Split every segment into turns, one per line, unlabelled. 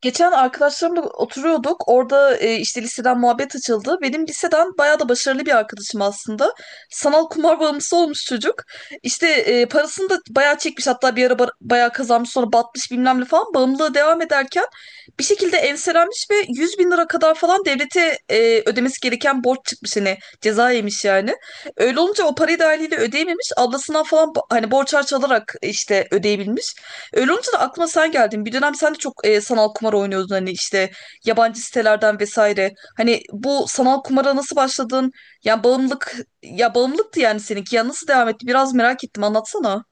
Geçen arkadaşlarımla oturuyorduk. Orada işte liseden muhabbet açıldı. Benim liseden bayağı da başarılı bir arkadaşım aslında. Sanal kumar bağımlısı olmuş çocuk. İşte parasını da bayağı çekmiş. Hatta bir ara bayağı kazanmış, sonra batmış bilmem ne falan. Bağımlılığı devam ederken bir şekilde enselenmiş ve 100 bin lira kadar falan devlete ödemesi gereken borç çıkmış. Hani ceza yemiş yani. Öyle olunca o parayı da haliyle ödeyememiş. Ablasından falan hani borç harç alarak işte ödeyebilmiş. Öyle olunca da aklıma sen geldin. Bir dönem sen de çok sanal kumar oynuyordun, hani işte yabancı sitelerden vesaire. Hani bu sanal kumara nasıl başladın? Yani bağımlılık, ya bağımlılıktı yani seninki. Ya nasıl devam etti? Biraz merak ettim. Anlatsana.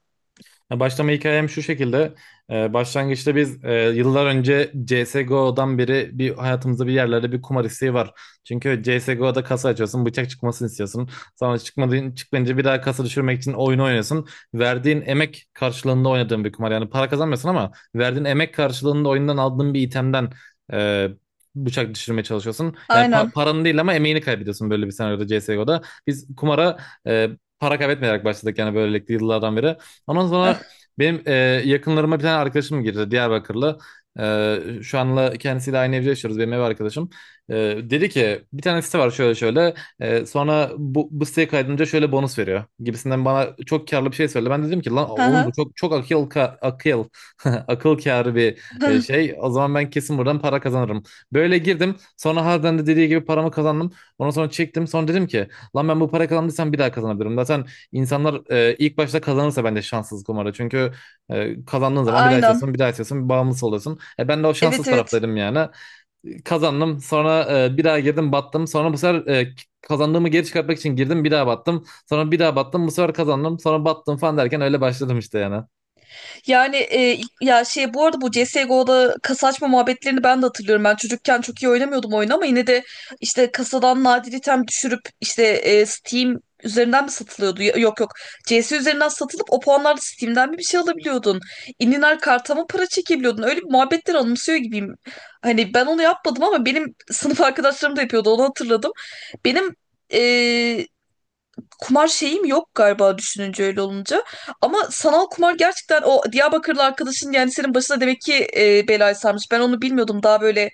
Ya başlama hikayem şu şekilde. Başlangıçta biz yıllar önce CSGO'dan beri bir hayatımızda bir yerlerde bir kumar isteği var. Çünkü CSGO'da kasa açıyorsun, bıçak çıkmasını istiyorsun. Sonra çıkmayınca bir daha kasa düşürmek için oyunu oynuyorsun. Verdiğin emek karşılığında oynadığın bir kumar. Yani para kazanmıyorsun ama verdiğin emek karşılığında oyundan aldığın bir itemden e, bıçak düşürmeye çalışıyorsun. Yani
Aynen.
paranı değil ama emeğini kaybediyorsun böyle bir senaryoda CSGO'da. Biz kumara e, para kaybetmeyerek başladık yani böylelikle yıllardan beri. Ondan sonra benim yakınlarıma bir tane arkadaşım girdi, Diyarbakırlı. E, Şu anla kendisiyle aynı evde yaşıyoruz, benim ev arkadaşım. E, Dedi ki bir tane site var, şöyle şöyle. Sonra bu siteye kaydınca şöyle bonus veriyor gibisinden bana çok karlı bir şey söyledi. Ben dedim ki lan oğlum bu çok çok akıl ka- akıl akıl kârı bir şey. O zaman ben kesin buradan para kazanırım. Böyle girdim. Sonra harbiden de dediği gibi paramı kazandım. Ondan sonra çektim. Sonra dedim ki lan ben bu para kazandıysam bir daha kazanabilirim. Zaten İnsanlar ilk başta kazanırsa bence şanssız kumarı. Çünkü kazandığın zaman bir daha
Aynen.
istiyorsun, bir daha istiyorsun, bir bağımlısı oluyorsun. Ben de o şanssız
Evet, evet.
taraftaydım yani. Kazandım, sonra bir daha girdim, battım. Sonra bu sefer kazandığımı geri çıkartmak için girdim, bir daha battım. Sonra bir daha battım, bu sefer kazandım, sonra battım falan derken öyle başladım işte yani.
Yani ya şey, bu arada bu CSGO'da kasa açma muhabbetlerini ben de hatırlıyorum. Ben çocukken çok iyi oynamıyordum oyunu, ama yine de işte kasadan nadir item düşürüp işte Steam üzerinden mi satılıyordu? Yok, yok. CS üzerinden satılıp o puanlarla Steam'den mi bir şey alabiliyordun? İninar karta mı para çekebiliyordun? Öyle bir muhabbetler anımsıyor gibiyim. Hani ben onu yapmadım ama benim sınıf arkadaşlarım da yapıyordu, onu hatırladım. Benim e, kumar şeyim yok galiba, düşününce öyle olunca. Ama sanal kumar gerçekten o Diyarbakırlı arkadaşın yani senin başına demek ki belayı sarmış. Ben onu bilmiyordum. Daha böyle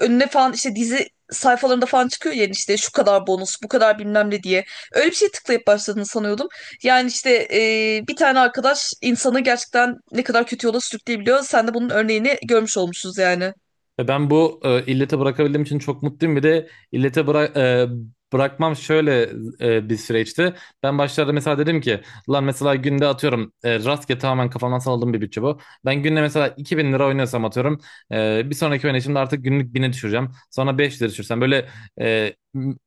önüne falan işte dizi sayfalarında falan çıkıyor yani, işte şu kadar bonus, bu kadar bilmem ne diye. Öyle bir şey tıklayıp başladığını sanıyordum. Yani işte bir tane arkadaş insanı gerçekten ne kadar kötü yola sürükleyebiliyor. Sen de bunun örneğini görmüş olmuşuz yani.
Ve ben bu illete bırakabildiğim için çok mutluyum. Bir de illete bırakmam şöyle bir süreçti. Ben başlarda mesela dedim ki lan mesela günde atıyorum rastgele tamamen kafamdan salladığım bir bütçe bu. Ben günde mesela 2000 lira oynuyorsam atıyorum bir sonraki oynayışımda artık günlük 1.000'e düşüreceğim. Sonra 5 lira düşürsem böyle e,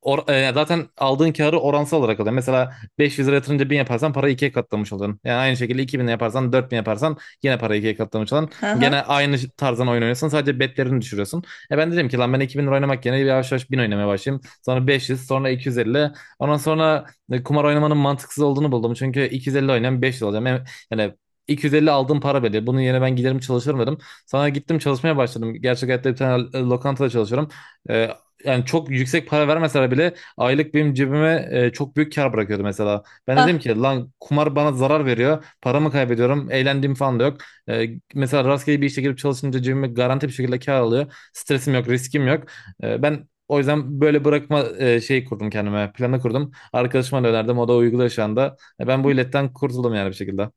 zaten aldığın karı oransal olarak alıyor. Mesela 500 lira yatırınca 1000 yaparsan parayı ikiye katlamış oluyorsun. Yani aynı şekilde 2000 yaparsan 4000 yaparsan yine parayı ikiye katlamış oluyorsun.
Hı
Gene aynı tarzdan oyun oynuyorsun. Sadece betlerini düşürüyorsun. Ben dedim ki lan ben 2000 lira oynamak yerine bir yavaş yavaş 1000 oynamaya başlayayım. Sonra 500, sonra 250. Ondan sonra kumar oynamanın mantıksız olduğunu buldum. Çünkü 250 oynayan 500 olacağım. Yani 250 aldığım para belli. Bunun yerine ben giderim çalışırım dedim. Sonra gittim çalışmaya başladım. Gerçek hayatta bir tane lokantada çalışıyorum. E, Yani çok yüksek para vermeseler bile aylık benim cebime çok büyük kar bırakıyordu mesela. Ben
hı.
dedim ki lan kumar bana zarar veriyor. Paramı kaybediyorum. Eğlendiğim falan da yok. E, Mesela rastgele bir işe girip çalışınca cebime garanti bir şekilde kar alıyor. Stresim yok, riskim yok. Ben o yüzden böyle bırakma şeyi kurdum kendime, planı kurdum. Arkadaşıma da önerdim, o da uyguluyor şu anda. Ben bu illetten kurtuldum yani bir şekilde.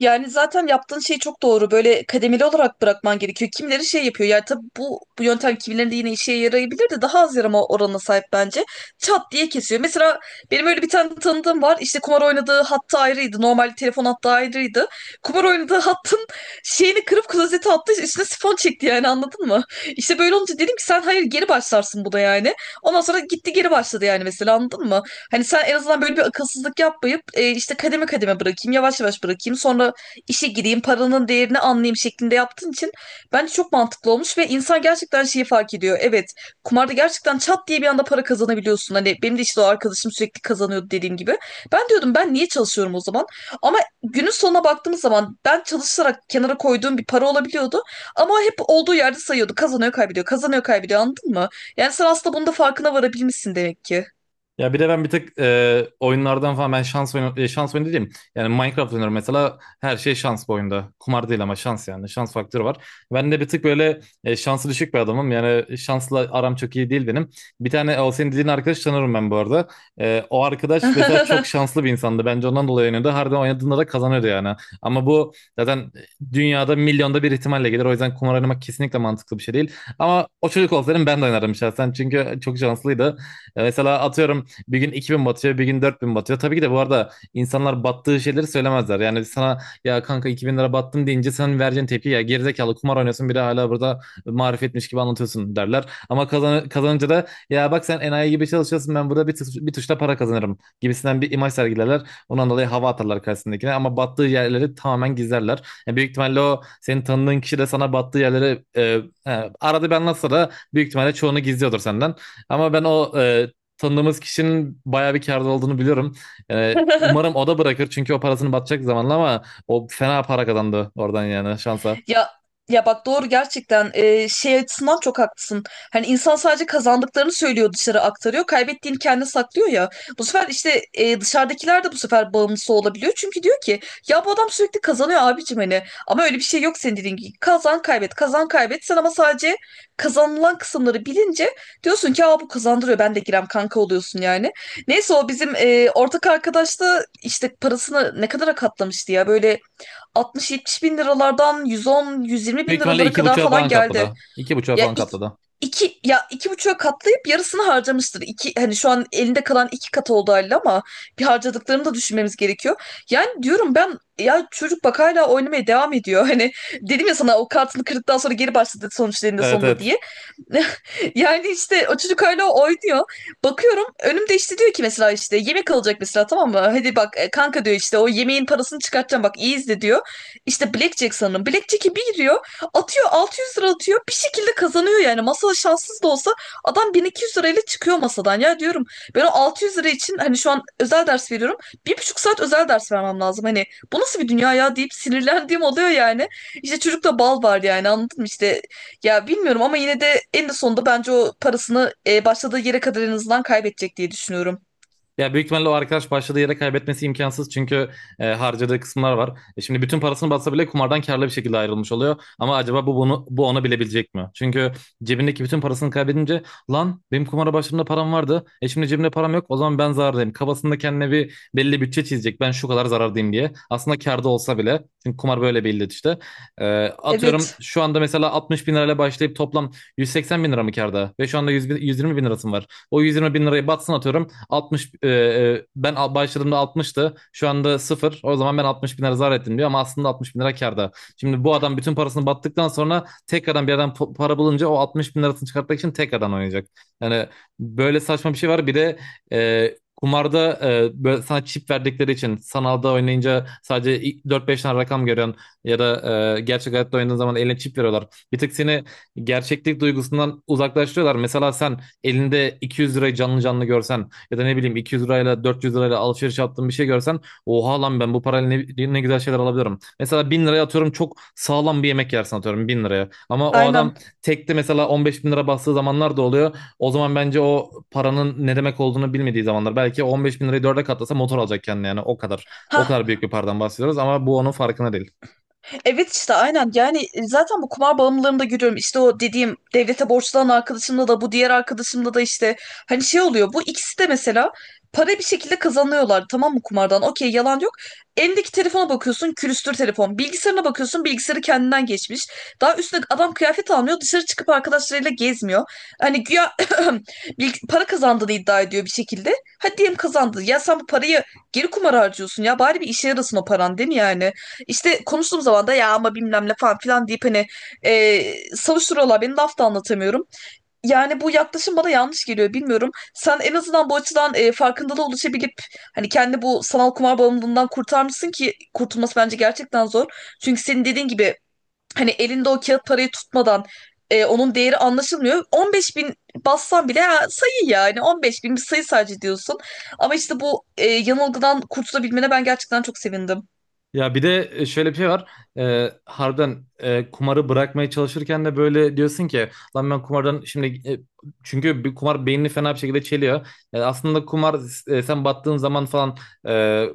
Yani zaten yaptığın şey çok doğru. Böyle kademeli olarak bırakman gerekiyor. Kimileri şey yapıyor. Yani tabii bu yöntem kimilerinde yine işe yarayabilir de daha az yarama oranına sahip bence. Çat diye kesiyor. Mesela benim öyle bir tane tanıdığım var. İşte kumar oynadığı hattı ayrıydı. Normal telefon hattı ayrıydı. Kumar oynadığı hattın şeyini kırıp klozete attı. Üstüne sifon çekti yani, anladın mı? İşte böyle olunca dedim ki sen hayır, geri başlarsın bu da yani. Ondan sonra gitti geri başladı yani, mesela anladın mı? Hani sen en azından böyle bir akılsızlık yapmayıp işte kademe kademe bırakayım, yavaş yavaş bırakayım, sonra işe gireyim, paranın değerini anlayayım şeklinde yaptığın için bence çok mantıklı olmuş ve insan gerçekten şeyi fark ediyor. Evet, kumarda gerçekten çat diye bir anda para kazanabiliyorsun. Hani benim de işte o arkadaşım sürekli kazanıyordu dediğim gibi. Ben diyordum ben niye çalışıyorum o zaman? Ama günün sonuna baktığımız zaman ben çalışarak kenara koyduğum bir para olabiliyordu. Ama hep olduğu yerde sayıyordu. Kazanıyor, kaybediyor, kazanıyor, kaybediyor, anladın mı? Yani sen aslında bunun da farkına varabilmişsin demek ki.
Ya bir de ben bir tık oyunlardan falan ben şans oyunu şans oyunu diyeyim. Yani Minecraft oynuyorum mesela, her şey şans bu oyunda. Kumar değil ama şans yani. Şans faktörü var. Ben de bir tık böyle şansı düşük bir adamım. Yani şansla aram çok iyi değil benim. Bir tane o senin dediğin arkadaş tanırım ben bu arada. O arkadaş mesela çok şanslı bir insandı. Bence ondan dolayı oynuyordu. Harbiden oynadığında da kazanıyordu yani. Ama bu zaten dünyada milyonda bir ihtimalle gelir. O yüzden kumar oynamak kesinlikle mantıklı bir şey değil. Ama o çocuk olsaydım ben de oynardım şahsen. Çünkü çok şanslıydı. Mesela atıyorum bir gün 2000 batıyor, bir gün 4000 batıyor. Tabii ki de bu arada insanlar battığı şeyleri söylemezler. Yani sana ya kanka 2000 lira battım deyince senin vereceğin tepki, ya gerizekalı kumar oynuyorsun bir de hala burada marifetmiş gibi anlatıyorsun derler. Ama kazan kazanınca da ya bak sen enayi gibi çalışıyorsun, ben burada bir tuşla para kazanırım gibisinden bir imaj sergilerler. Ondan dolayı hava atarlar karşısındakine ama battığı yerleri tamamen gizlerler. Yani büyük ihtimalle o senin tanıdığın kişi de sana battığı yerleri arada bir anlatsa da büyük ihtimalle çoğunu gizliyordur senden. Ama ben o tanıdığımız kişinin bayağı bir kârda olduğunu biliyorum. Yani umarım o da bırakır, çünkü o parasını batacak zamanla, ama o fena para kazandı oradan yani şansa.
Ya, ya bak, doğru gerçekten. Şey açısından çok haklısın. Hani insan sadece kazandıklarını söylüyor, dışarı aktarıyor. Kaybettiğini kendi saklıyor ya. Bu sefer işte dışarıdakiler de bu sefer bağımlısı olabiliyor. Çünkü diyor ki ya bu adam sürekli kazanıyor abicim, hani. Ama öyle bir şey yok senin dediğin gibi. Kazan kaybet, kazan kaybet. Sen ama sadece kazanılan kısımları bilince diyorsun ki aa, bu kazandırıyor, ben de girem kanka, oluyorsun yani. Neyse, o bizim ortak arkadaş da işte parasını ne kadara katlamıştı ya, böyle 60-70 bin liralardan 110-120
Büyük
bin
ihtimalle
liralara
iki
kadar
buçuğa
falan
falan
geldi.
katladı. İki buçuğa
Ya
falan
iki,
katladı.
ya iki buçuğa katlayıp yarısını harcamıştır. Hani şu an elinde kalan iki katı oldu haliyle, ama bir harcadıklarını da düşünmemiz gerekiyor. Yani diyorum ben ya, çocuk bak hala oynamaya devam ediyor. Hani dedim ya sana, o kartını kırdıktan sonra geri başladı sonuçlarında
Evet,
sonunda
evet.
diye. Yani işte o çocuk hala oynuyor. Bakıyorum önümde işte diyor ki mesela, işte yemek alacak mesela, tamam mı? Hadi bak, kanka diyor, işte o yemeğin parasını çıkartacağım, bak iyi izle diyor. İşte Blackjack sanırım. Blackjack'e bir giriyor, atıyor 600 lira, atıyor, bir şekilde kazanıyor yani. Masada şanssız da olsa adam 1200 lirayla çıkıyor masadan. Ya diyorum ben o 600 lira için hani şu an özel ders veriyorum. Bir buçuk saat özel ders vermem lazım. Hani bu nasıl bir dünya ya deyip sinirlendiğim oluyor yani. İşte çocukta bal var yani, anladın mı? İşte ya bilmiyorum, ama yine de en sonunda bence o parasını başladığı yere kadar en azından kaybedecek diye düşünüyorum.
Ya büyük ihtimalle o arkadaş başladığı yere kaybetmesi imkansız, çünkü harcadığı kısımlar var. Şimdi bütün parasını batsa bile kumardan karlı bir şekilde ayrılmış oluyor. Ama acaba bu ona bilebilecek mi? Çünkü cebindeki bütün parasını kaybedince, lan benim kumara başladığımda param vardı. Şimdi cebimde param yok. O zaman ben zarardayım. Kafasında kendine bir belli bütçe çizecek. Ben şu kadar zarardayım diye. Aslında karda olsa bile. Çünkü kumar böyle bir illet işte. Atıyorum
Evet,
şu anda mesela 60 bin lirayla başlayıp toplam 180 bin lira mı karda? Ve şu anda 120 bin lirasım var. O 120 bin lirayı batsın atıyorum. 60, ben başladığımda 60'tı. Şu anda 0. O zaman ben 60 bin lira zarar ettim diyor ama aslında 60 bin lira kârda. Şimdi bu adam bütün parasını battıktan sonra tekrardan bir yerden para bulunca o 60 bin lirasını çıkartmak için tekrardan oynayacak. Yani böyle saçma bir şey var. Bir de e, kumarda böyle sana çip verdikleri için sanalda oynayınca sadece 4-5 tane rakam görüyorsun ya da gerçek hayatta oynadığın zaman eline çip veriyorlar. Bir tık seni gerçeklik duygusundan uzaklaştırıyorlar. Mesela sen elinde 200 lirayı canlı canlı görsen, ya da ne bileyim 200 lirayla 400 lirayla alışveriş yaptığın bir şey görsen, oha lan ben bu parayla ne güzel şeyler alabilirim. Mesela 1000 liraya atıyorum çok sağlam bir yemek yersin atıyorum 1000 liraya. Ama o
aynen.
adam tekte mesela 15 bin lira bastığı zamanlar da oluyor. O zaman bence o paranın ne demek olduğunu bilmediği zamanlar. Belki 15 bin lirayı dörde katlasa motor alacak kendine yani o kadar. O
Ha,
kadar büyük bir paradan bahsediyoruz ama bu onun farkına değil.
evet, işte aynen yani. Zaten bu kumar bağımlılığımda görüyorum, işte o dediğim devlete borçlanan arkadaşımda da, bu diğer arkadaşımda da işte hani şey oluyor. Bu ikisi de mesela para bir şekilde kazanıyorlar, tamam mı, kumardan, okey, yalan yok. Elindeki telefona bakıyorsun külüstür telefon, bilgisayarına bakıyorsun bilgisayarı kendinden geçmiş. Daha üstüne adam kıyafet almıyor, dışarı çıkıp arkadaşlarıyla gezmiyor, hani güya para kazandığını iddia ediyor bir şekilde. Hadi diyelim kazandı, ya sen bu parayı geri kumara harcıyorsun, ya bari bir işe yarasın o paran, değil mi yani? İşte konuştuğum zaman da ya ama bilmem ne falan filan deyip hani e, savuşturuyorlar beni, laf da anlatamıyorum. Yani bu yaklaşım bana yanlış geliyor, bilmiyorum. Sen en azından bu açıdan farkındalığa ulaşabilip hani kendi bu sanal kumar bağımlılığından kurtarmışsın ki, kurtulması bence gerçekten zor. Çünkü senin dediğin gibi hani elinde o kağıt parayı tutmadan onun değeri anlaşılmıyor. 15 bin bassan bile ha, sayı yani, 15 bin bir sayı sadece diyorsun. Ama işte bu yanılgıdan kurtulabilmene ben gerçekten çok sevindim.
Ya bir de şöyle bir şey var. Harbiden kumarı bırakmaya çalışırken de böyle diyorsun ki lan ben kumardan şimdi çünkü bir kumar beynini fena bir şekilde çeliyor. Yani aslında kumar sen battığın zaman falan e,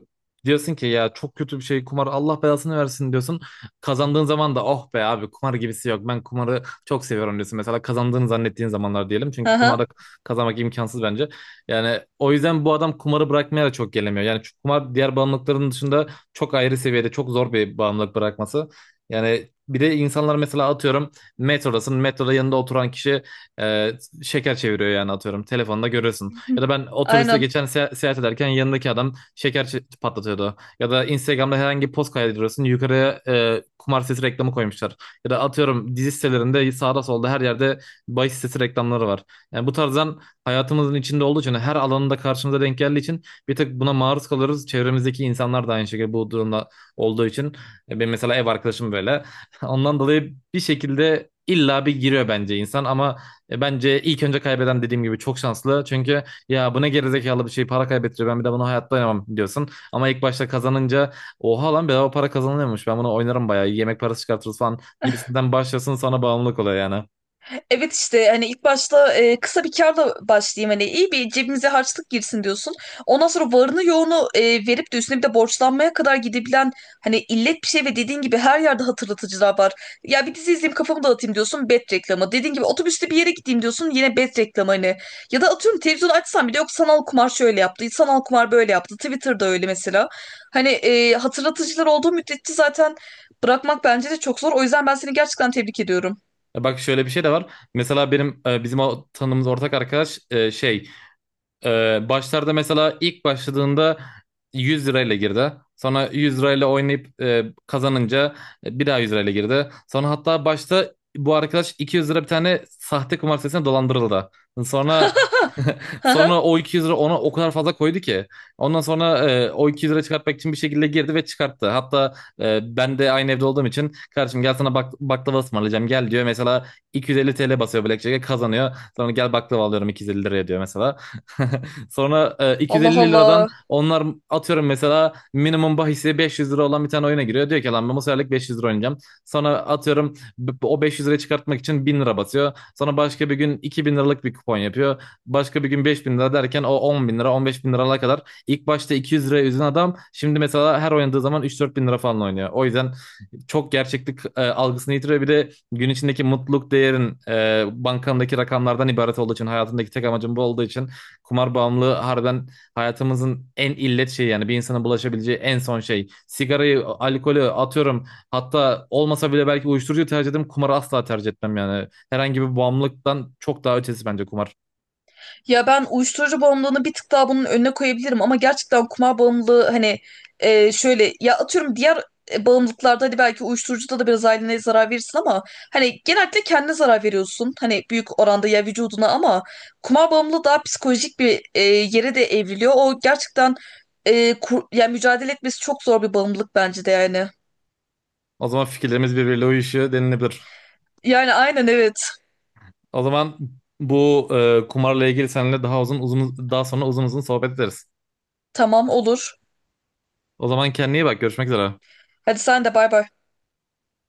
diyorsun ki ya çok kötü bir şey kumar, Allah belasını versin diyorsun. Kazandığın zaman da oh be abi kumar gibisi yok. Ben kumarı çok seviyorum diyorsun. Mesela kazandığını zannettiğin zamanlar diyelim.
Hı
Çünkü
hı.
kumarda kazanmak imkansız bence. Yani o yüzden bu adam kumarı bırakmaya da çok gelemiyor. Yani şu kumar diğer bağımlılıkların dışında çok ayrı seviyede, çok zor bir bağımlılık bırakması. Yani bir de insanlar mesela atıyorum, metrodasın. Metroda yanında oturan kişi e, şeker çeviriyor yani atıyorum. Telefonda görürsün. Ya da ben otobüste
Aynen.
geçen seyahat ederken yanındaki adam şeker patlatıyordu. Ya da Instagram'da herhangi bir post kaydediyorsun. Yukarıya kumar sitesi reklamı koymuşlar. Ya da atıyorum dizi sitelerinde sağda solda her yerde bahis sitesi reklamları var. Yani bu tarzdan hayatımızın içinde olduğu için, her alanında karşımıza denk geldiği için bir tık buna maruz kalırız. Çevremizdeki insanlar da aynı şekilde bu durumda olduğu için. Benim mesela ev arkadaşım böyle. Ondan dolayı bir şekilde illa bir giriyor bence insan, ama bence ilk önce kaybeden dediğim gibi çok şanslı. Çünkü ya bu ne gerizekalı bir şey, para kaybettiriyor, ben bir de bunu hayatta oynamam diyorsun. Ama ilk başta kazanınca oha lan bedava para kazanılıyormuş, ben bunu oynarım bayağı yemek parası çıkartırız falan gibisinden başlasın sana bağımlılık oluyor yani.
Evet, işte hani ilk başta kısa bir kârla başlayayım, hani iyi bir cebimize harçlık girsin diyorsun. Ondan sonra varını yoğunu verip de üstüne bir de borçlanmaya kadar gidebilen hani illet bir şey. Ve dediğin gibi her yerde hatırlatıcılar var. Ya bir dizi izleyeyim kafamı dağıtayım diyorsun, bet reklamı. Dediğin gibi otobüste bir yere gideyim diyorsun, yine bet reklamı hani. Ya da atıyorum televizyonu açsam bile yok, sanal kumar şöyle yaptı, sanal kumar böyle yaptı. Twitter'da öyle mesela. Hani hatırlatıcılar olduğu müddetçe zaten bırakmak bence de çok zor. O yüzden ben seni gerçekten tebrik ediyorum.
Bak şöyle bir şey de var. Mesela bizim o tanıdığımız ortak arkadaş, başlarda mesela ilk başladığında 100 lirayla girdi. Sonra 100 lirayla oynayıp kazanınca bir daha 100 lirayla girdi. Sonra hatta başta bu arkadaş 200 lira bir tane sahte kumar sitesine dolandırıldı. Sonra sonra o 200 lira ona o kadar fazla koydu ki. Ondan sonra o 200 lira çıkartmak için bir şekilde girdi ve çıkarttı. Hatta ben de aynı evde olduğum için, kardeşim gel sana bak baklava ısmarlayacağım gel diyor. Mesela 250 TL basıyor Blackjack'e, kazanıyor. Sonra gel baklava alıyorum 250 liraya diyor mesela. Sonra
Allah
250 liradan
Allah.
onlar, atıyorum mesela minimum bahisi 500 lira olan bir tane oyuna giriyor. Diyor ki lan ben bu seferlik 500 lira oynayacağım. Sonra atıyorum o 500 lirayı çıkartmak için 1000 lira basıyor. Sonra başka bir gün 2000 liralık bir kupon yapıyor. Başka bir gün 5000 lira derken o 10 bin lira 15 bin liralara kadar. İlk başta 200 liraya üzen adam şimdi mesela her oynadığı zaman 3-4 bin lira falan oynuyor. O yüzden çok gerçeklik algısını yitiriyor. Bir de gün içindeki mutluluk değerin bankandaki rakamlardan ibaret olduğu için, hayatındaki tek amacın bu olduğu için kumar bağımlılığı harbiden hayatımızın en illet şeyi yani, bir insana bulaşabileceği en son şey. Sigarayı, alkolü atıyorum. Hatta olmasa bile belki uyuşturucu tercih ederim. Kumarı asla tercih etmem yani. Herhangi bir bağımlılıktan çok daha ötesi bence kumar.
Ya ben uyuşturucu bağımlılığını bir tık daha bunun önüne koyabilirim, ama gerçekten kumar bağımlılığı hani şöyle, ya atıyorum diğer bağımlılıklarda hadi belki uyuşturucuda da biraz ailene zarar verirsin, ama hani genellikle kendine zarar veriyorsun, hani büyük oranda ya vücuduna, ama kumar bağımlılığı daha psikolojik bir yere de evriliyor. O gerçekten yani mücadele etmesi çok zor bir bağımlılık bence de yani.
O zaman fikirlerimiz birbiriyle uyuşuyor denilebilir.
Yani aynen, evet.
O zaman bu kumarla ilgili seninle daha uzun uzun, daha sonra uzun uzun sohbet ederiz.
Tamam, olur.
O zaman kendine iyi bak. Görüşmek üzere.
Hadi sen de, bay bay.